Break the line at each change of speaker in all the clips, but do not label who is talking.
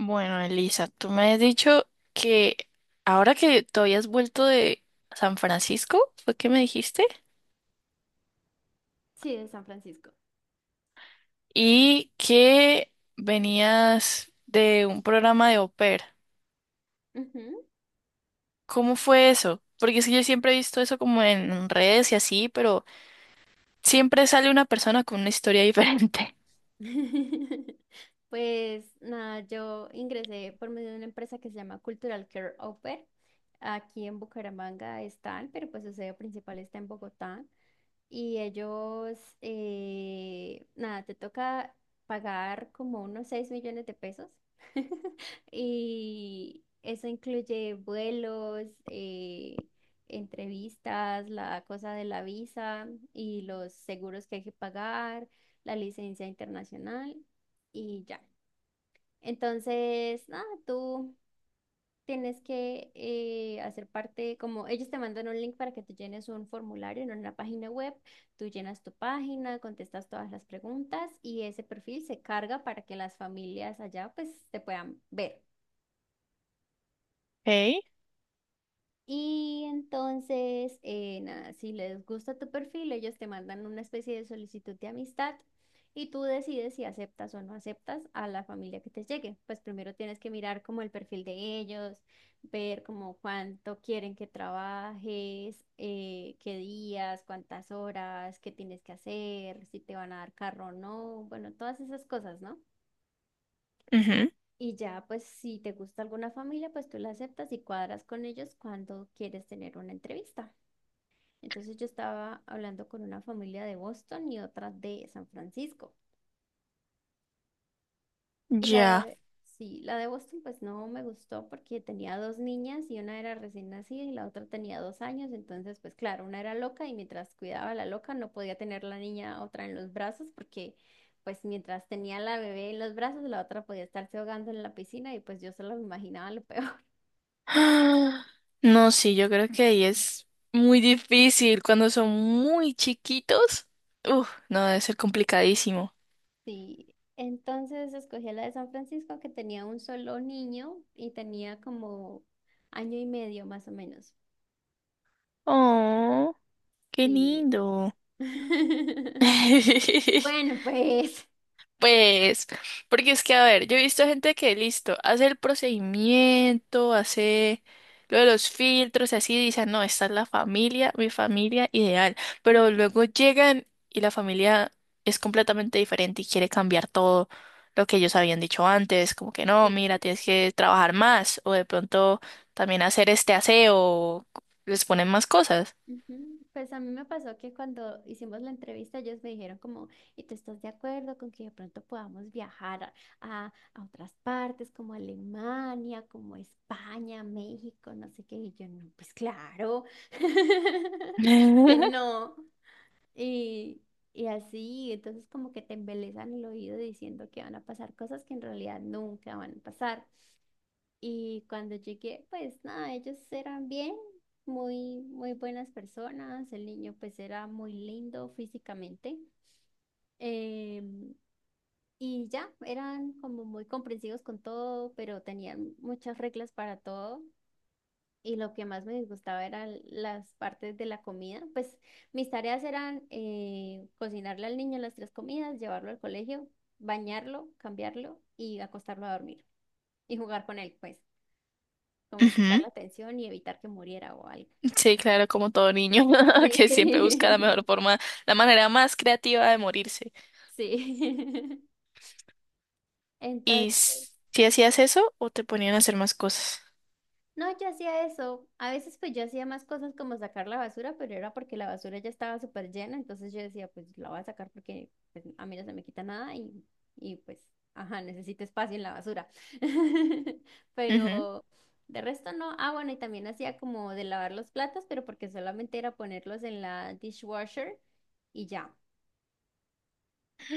Bueno, Elisa, tú me has dicho que ahora que te habías vuelto de San Francisco, fue que me dijiste,
Sí, de San Francisco.
y que venías de un programa de au pair.
Ujú.
¿Cómo fue eso? Porque es que yo siempre he visto eso como en redes y así, pero siempre sale una persona con una historia diferente.
Pues nada, yo ingresé por medio de una empresa que se llama Cultural Care Offer. Aquí en Bucaramanga están, pero pues su sede principal está en Bogotá. Y ellos, nada, te toca pagar como unos 6 millones de pesos. Y eso incluye vuelos, entrevistas, la cosa de la visa y los seguros que hay que pagar, la licencia internacional y ya. Entonces, nada, tú tienes que hacer parte, como ellos te mandan un link para que tú llenes un formulario en una página web, tú llenas tu página, contestas todas las preguntas y ese perfil se carga para que las familias allá pues te puedan ver.
Ok,
Y entonces, nada, si les gusta tu perfil, ellos te mandan una especie de solicitud de amistad y tú decides si aceptas o no aceptas a la familia que te llegue. Pues primero tienes que mirar como el perfil de ellos, ver como cuánto quieren que trabajes, qué días, cuántas horas, qué tienes que hacer, si te van a dar carro o no, bueno, todas esas cosas, ¿no?
ujú,
Y ya, pues si te gusta alguna familia, pues tú la aceptas y cuadras con ellos cuando quieres tener una entrevista. Entonces yo estaba hablando con una familia de Boston y otra de San Francisco. Y la
ya.
de, sí, la de Boston pues no me gustó porque tenía dos niñas y una era recién nacida y la otra tenía 2 años. Entonces pues claro, una era loca y mientras cuidaba a la loca no podía tener la niña otra en los brazos porque pues mientras tenía la bebé en los brazos la otra podía estarse ahogando en la piscina y pues yo solo me imaginaba lo peor.
Ah, no, sí, yo creo que ahí es muy difícil cuando son muy chiquitos. Uf, no, debe ser complicadísimo.
Sí, entonces escogí la de San Francisco que tenía un solo niño y tenía como año y medio más o menos.
Oh, qué
Sí.
lindo.
Bueno, pues.
Pues, porque es que, a ver, yo he visto gente que, listo, hace el procedimiento, hace lo de los filtros, y así, dicen, no, esta es la familia, mi familia ideal, pero luego llegan y la familia es completamente diferente y quiere cambiar todo lo que ellos habían dicho antes, como que no, mira,
Sí.
tienes que trabajar más, o de pronto también hacer este aseo, o les ponen más cosas.
Ujú. Pues a mí me pasó que cuando hicimos la entrevista ellos me dijeron como, ¿y tú estás de acuerdo con que de pronto podamos viajar a, a otras partes como Alemania, como España, México, no sé qué? Y yo no, pues claro, que no. Y, y así, entonces como que te embelezan el oído diciendo que van a pasar cosas que en realidad nunca van a pasar. Y cuando llegué, pues nada, ellos eran bien, muy, muy buenas personas. El niño pues era muy lindo físicamente. em, y ya, eran como muy comprensivos con todo, pero tenían muchas reglas para todo. Y lo que más me disgustaba eran las partes de la comida. Pues mis tareas eran cocinarle al niño las tres comidas, llevarlo al colegio, bañarlo, cambiarlo y acostarlo a dormir. Y jugar con él, pues, como
Ujú.
prestarle atención y evitar que muriera o algo.
Sí, claro, como todo niño que siempre busca la
Sí.
mejor forma, la manera más creativa de morirse.
Sí.
¿Y
Entonces
si hacías eso o te ponían a hacer más cosas?
no, yo hacía eso. A veces pues yo hacía más cosas como sacar la basura, pero era porque la basura ya estaba súper llena, entonces yo decía, pues la voy a sacar porque pues, a mí no se me quita nada y pues, ajá, necesito espacio en la basura.
Ujú.
Pero de resto no. Ah, bueno, y también hacía como de lavar los platos, pero porque solamente era ponerlos en la dishwasher y ya.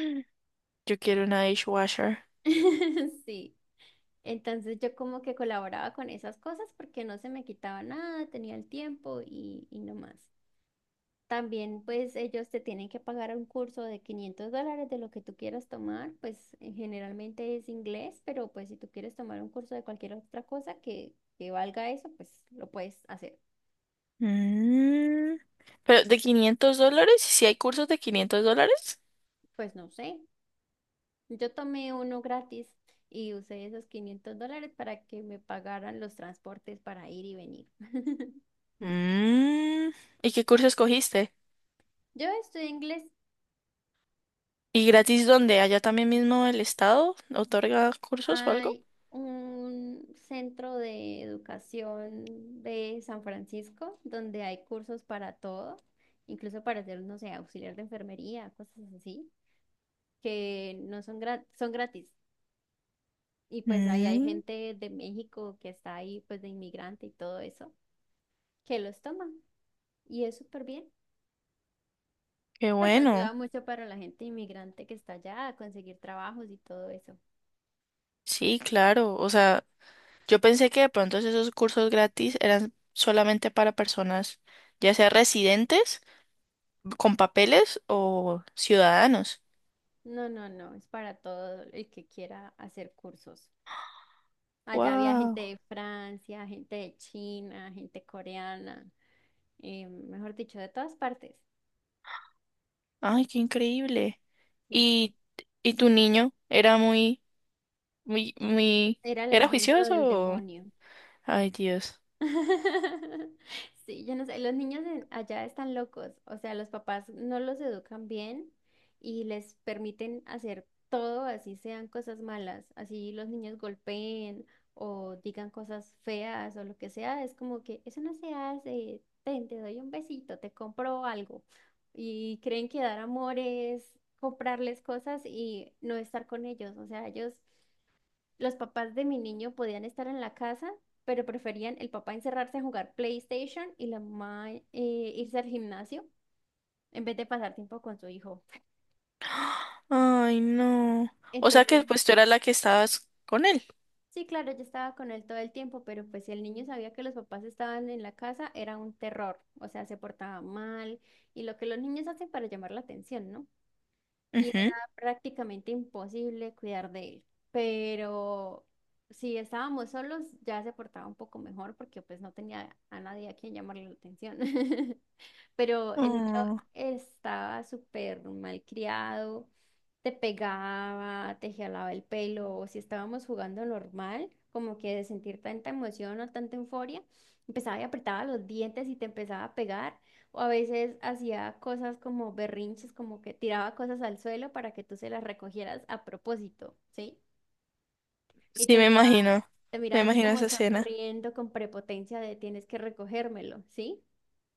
Yo quiero una dishwasher.
Sí. Entonces yo como que colaboraba con esas cosas porque no se me quitaba nada, tenía el tiempo y no más. También, pues ellos te tienen que pagar un curso de $500 de lo que tú quieras tomar, pues generalmente es inglés, pero pues si tú quieres tomar un curso de cualquier otra cosa que valga eso, pues lo puedes hacer.
Mm. Pero de 500 dólares, si hay cursos de 500 dólares?
Pues no sé, yo tomé uno gratis y usé esos $500 para que me pagaran los transportes para ir y venir.
Mm. ¿Y qué curso escogiste?
Yo estudié inglés.
¿Y gratis dónde? ¿Allá también mismo el estado otorga cursos o algo?
Hay un centro de educación de San Francisco donde hay cursos para todo, incluso para ser, no sé, auxiliar de enfermería, cosas así, que no son gratis, son gratis. Y pues ahí hay
Mm.
gente de México que está ahí, pues de inmigrante y todo eso, que los toman. Y es súper bien.
Qué
Pues
bueno.
ayuda mucho para la gente inmigrante que está allá a conseguir trabajos y todo eso.
Sí, claro. O sea, yo pensé que de pronto esos cursos gratis eran solamente para personas, ya sea residentes con papeles o ciudadanos.
No, no, no, es para todo el que quiera hacer cursos. Allá había gente
¡Wow!
de Francia, gente de China, gente coreana, mejor dicho, de todas partes.
¡Ay, qué increíble!
Sí,
¿Y, y tu niño era muy, muy, muy,
era el
era
engendro del
juicioso?
demonio.
Ay, Dios.
Sí, yo no sé, los niños allá están locos, o sea, los papás no los educan bien y les permiten hacer todo, así sean cosas malas, así los niños golpeen o digan cosas feas o lo que sea, es como que eso no se hace, ten, te doy un besito, te compro algo y creen que dar amor es comprarles cosas y no estar con ellos, o sea, ellos... Los papás de mi niño podían estar en la casa, pero preferían el papá encerrarse a jugar PlayStation y la mamá irse al gimnasio en vez de pasar tiempo con su hijo.
Ay, no. O sea
Entonces,
que pues tú eras la que estabas con él.
sí, claro, yo estaba con él todo el tiempo, pero pues si el niño sabía que los papás estaban en la casa, era un terror. O sea, se portaba mal y lo que los niños hacen para llamar la atención, ¿no? Y era
Ujú.
prácticamente imposible cuidar de él. Pero si estábamos solos, ya se portaba un poco mejor porque pues no tenía a nadie a quien llamarle la atención. Pero el niño
Oh,
estaba súper mal criado, te pegaba, te jalaba el pelo, o si estábamos jugando normal, como que de sentir tanta emoción o tanta euforia, empezaba y apretaba los dientes y te empezaba a pegar, o a veces hacía cosas como berrinches, como que tiraba cosas al suelo para que tú se las recogieras a propósito, ¿sí? Y
sí,
te
me imagino.
te
Me
miraba así
imagino
como
esa escena.
sonriendo con prepotencia de tienes que recogérmelo, ¿sí?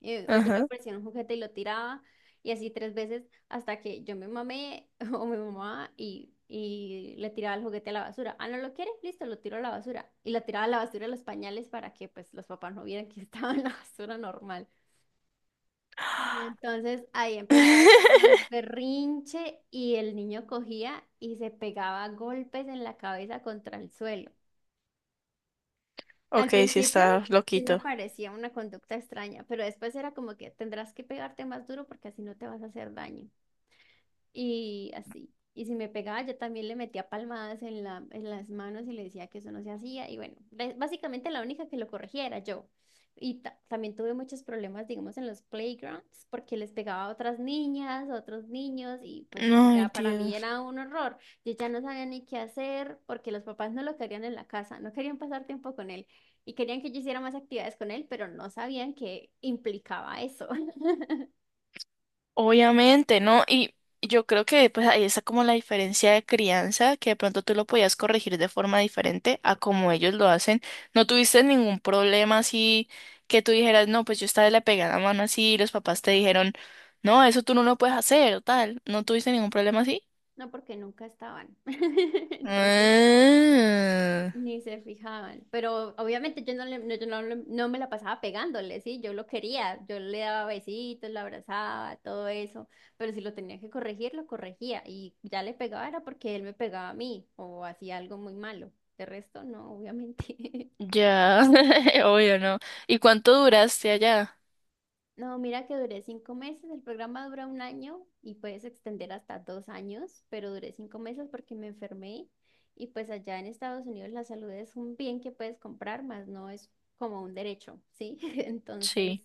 O yo le
Ajá.
ofrecía un juguete y lo tiraba y así tres veces hasta que yo me mamé o mi mamá y le tiraba el juguete a la basura. Ah, ¿no lo quiere? Listo, lo tiro a la basura. Y la tiraba a la basura de los pañales para que pues los papás no vieran que estaba en la basura normal. Y entonces ahí empezaba a hacer más berrinche y el niño cogía y se pegaba a golpes en la cabeza contra el suelo.
Ok,
Al
sí
principio
está
sí me
loquito.
parecía una conducta extraña, pero después era como que tendrás que pegarte más duro porque así no te vas a hacer daño y así. Y si me pegaba, yo también le metía palmadas en las manos y le decía que eso no se hacía. Y bueno, básicamente la única que lo corregía era yo. Y también tuve muchos problemas, digamos, en los playgrounds, porque les pegaba a otras niñas, a otros niños, y pues, o
Ay,
sea, para mí
Dios.
era un horror. Yo ya no sabía ni qué hacer, porque los papás no lo querían en la casa, no querían pasar tiempo con él, y querían que yo hiciera más actividades con él, pero no sabían que implicaba eso.
Obviamente, ¿no? Y yo creo que pues ahí está como la diferencia de crianza, que de pronto tú lo podías corregir de forma diferente a como ellos lo hacen. ¿No tuviste ningún problema así que tú dijeras, no, pues yo esta vez le pegué a la mano así y los papás te dijeron, no, eso tú no lo puedes hacer o tal? ¿No tuviste ningún problema así?
No porque nunca estaban. Entonces, no.
Ah,
Ni se fijaban, pero obviamente yo no me la pasaba pegándole, sí, yo lo quería, yo le daba besitos, lo abrazaba, todo eso, pero si lo tenía que corregir, lo corregía y ya le pegaba era porque él me pegaba a mí o hacía algo muy malo, de resto no, obviamente.
ya, obvio, ¿no? ¿Y cuánto duraste allá?
No, mira que duré 5 meses, el programa dura un año y puedes extender hasta 2 años, pero duré 5 meses porque me enfermé y pues allá en Estados Unidos la salud es un bien que puedes comprar, más no es como un derecho, ¿sí? Entonces,
Sí.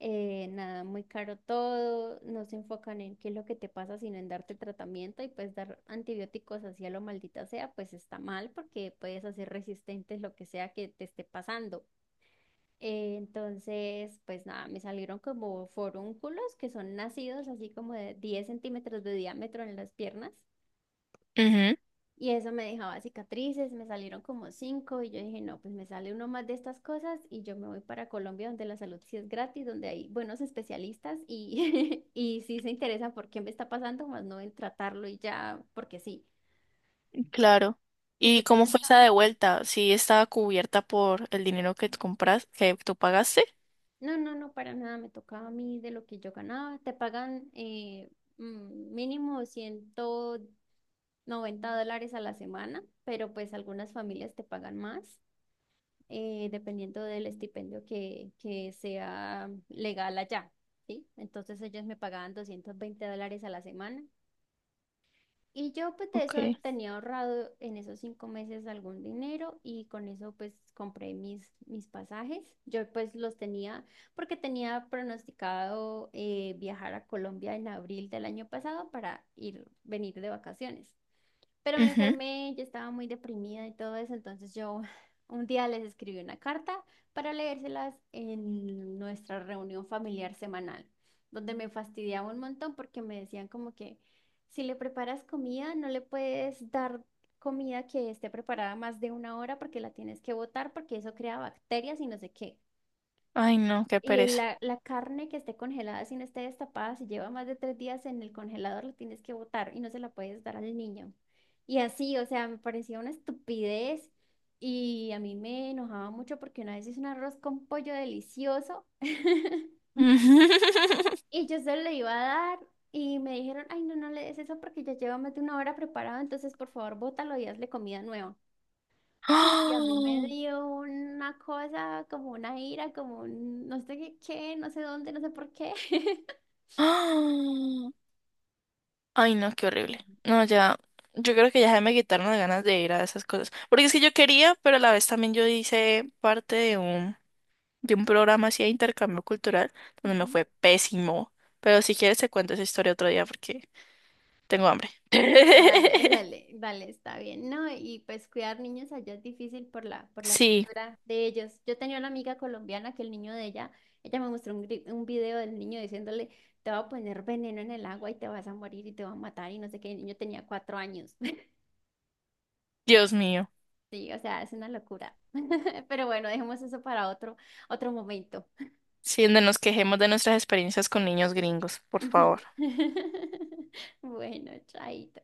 nada, muy caro todo, no se enfocan en qué es lo que te pasa, sino en darte tratamiento y pues dar antibióticos así a lo maldita sea, pues está mal porque puedes hacer resistentes lo que sea que te esté pasando. Entonces, pues nada, me salieron como forúnculos que son nacidos así como de 10 centímetros de diámetro en las piernas. Y eso me dejaba cicatrices, me salieron como cinco y yo dije, no, pues me sale uno más de estas cosas y yo me voy para Colombia donde la salud sí es gratis, donde hay buenos especialistas y, y sí se interesan por qué me está pasando, más no en tratarlo y ya, porque sí.
Claro.
Y
¿Y
pues yo
cómo
ya,
fue esa de vuelta? ¿Sí estaba cubierta por el dinero que tú compras, que tú pagaste?
no, no, no, para nada, me tocaba a mí de lo que yo ganaba. Te pagan mínimo ciento 90 dólares a la semana, pero pues algunas familias te pagan más, dependiendo del estipendio que sea legal allá, ¿sí? Entonces ellos me pagaban $220 a la semana. Y yo pues de eso
Ok.
tenía ahorrado en esos 5 meses algún dinero y con eso pues compré mis pasajes. Yo pues los tenía porque tenía pronosticado viajar a Colombia en abril del año pasado para ir, venir de vacaciones. Pero me
Ujú.
enfermé, yo estaba muy deprimida y todo eso, entonces yo un día les escribí una carta para leérselas en nuestra reunión familiar semanal, donde me fastidiaba un montón porque me decían como que si le preparas comida, no le puedes dar comida que esté preparada más de una hora porque la tienes que botar porque eso crea bacterias y no sé qué.
Ay, no, qué
Y
pereza.
la carne que esté congelada, si no esté destapada, si lleva más de 3 días en el congelador, la tienes que botar y no se la puedes dar al niño. Y así, o sea, me parecía una estupidez y a mí me enojaba mucho porque una vez hice un arroz con pollo delicioso y yo se lo iba a dar y me dijeron, ay, no, no le des eso porque ya lleva más de una hora preparado, entonces por favor bótalo y hazle comida nueva. Uy, y a mí me
¡Ah!
dio una cosa, como una ira, como un no sé qué, qué, no sé dónde, no sé por qué.
¡Ah! Ay, no, qué horrible. No, ya, yo creo que ya se me quitaron las ganas de ir a esas cosas. Porque es que yo quería, pero a la vez también yo hice parte de un programa así de intercambio cultural, donde me
Ujú.
fue pésimo. Pero si quieres te cuento esa historia otro día porque tengo hambre.
Y dale, dale, dale, está bien, ¿no? Y pues cuidar niños allá es difícil por la
Sí,
cultura de ellos. Yo tenía una amiga colombiana que el niño de ella, ella me mostró un video del niño diciéndole, te va a poner veneno en el agua y te vas a morir y te va a matar y no sé qué. El niño tenía 4 años.
Dios mío.
Sí, o sea, es una locura. Pero bueno, dejemos eso para otro momento.
Sí, donde nos quejemos de nuestras experiencias con niños gringos, por
Ujú.
favor.
Bueno, chaito.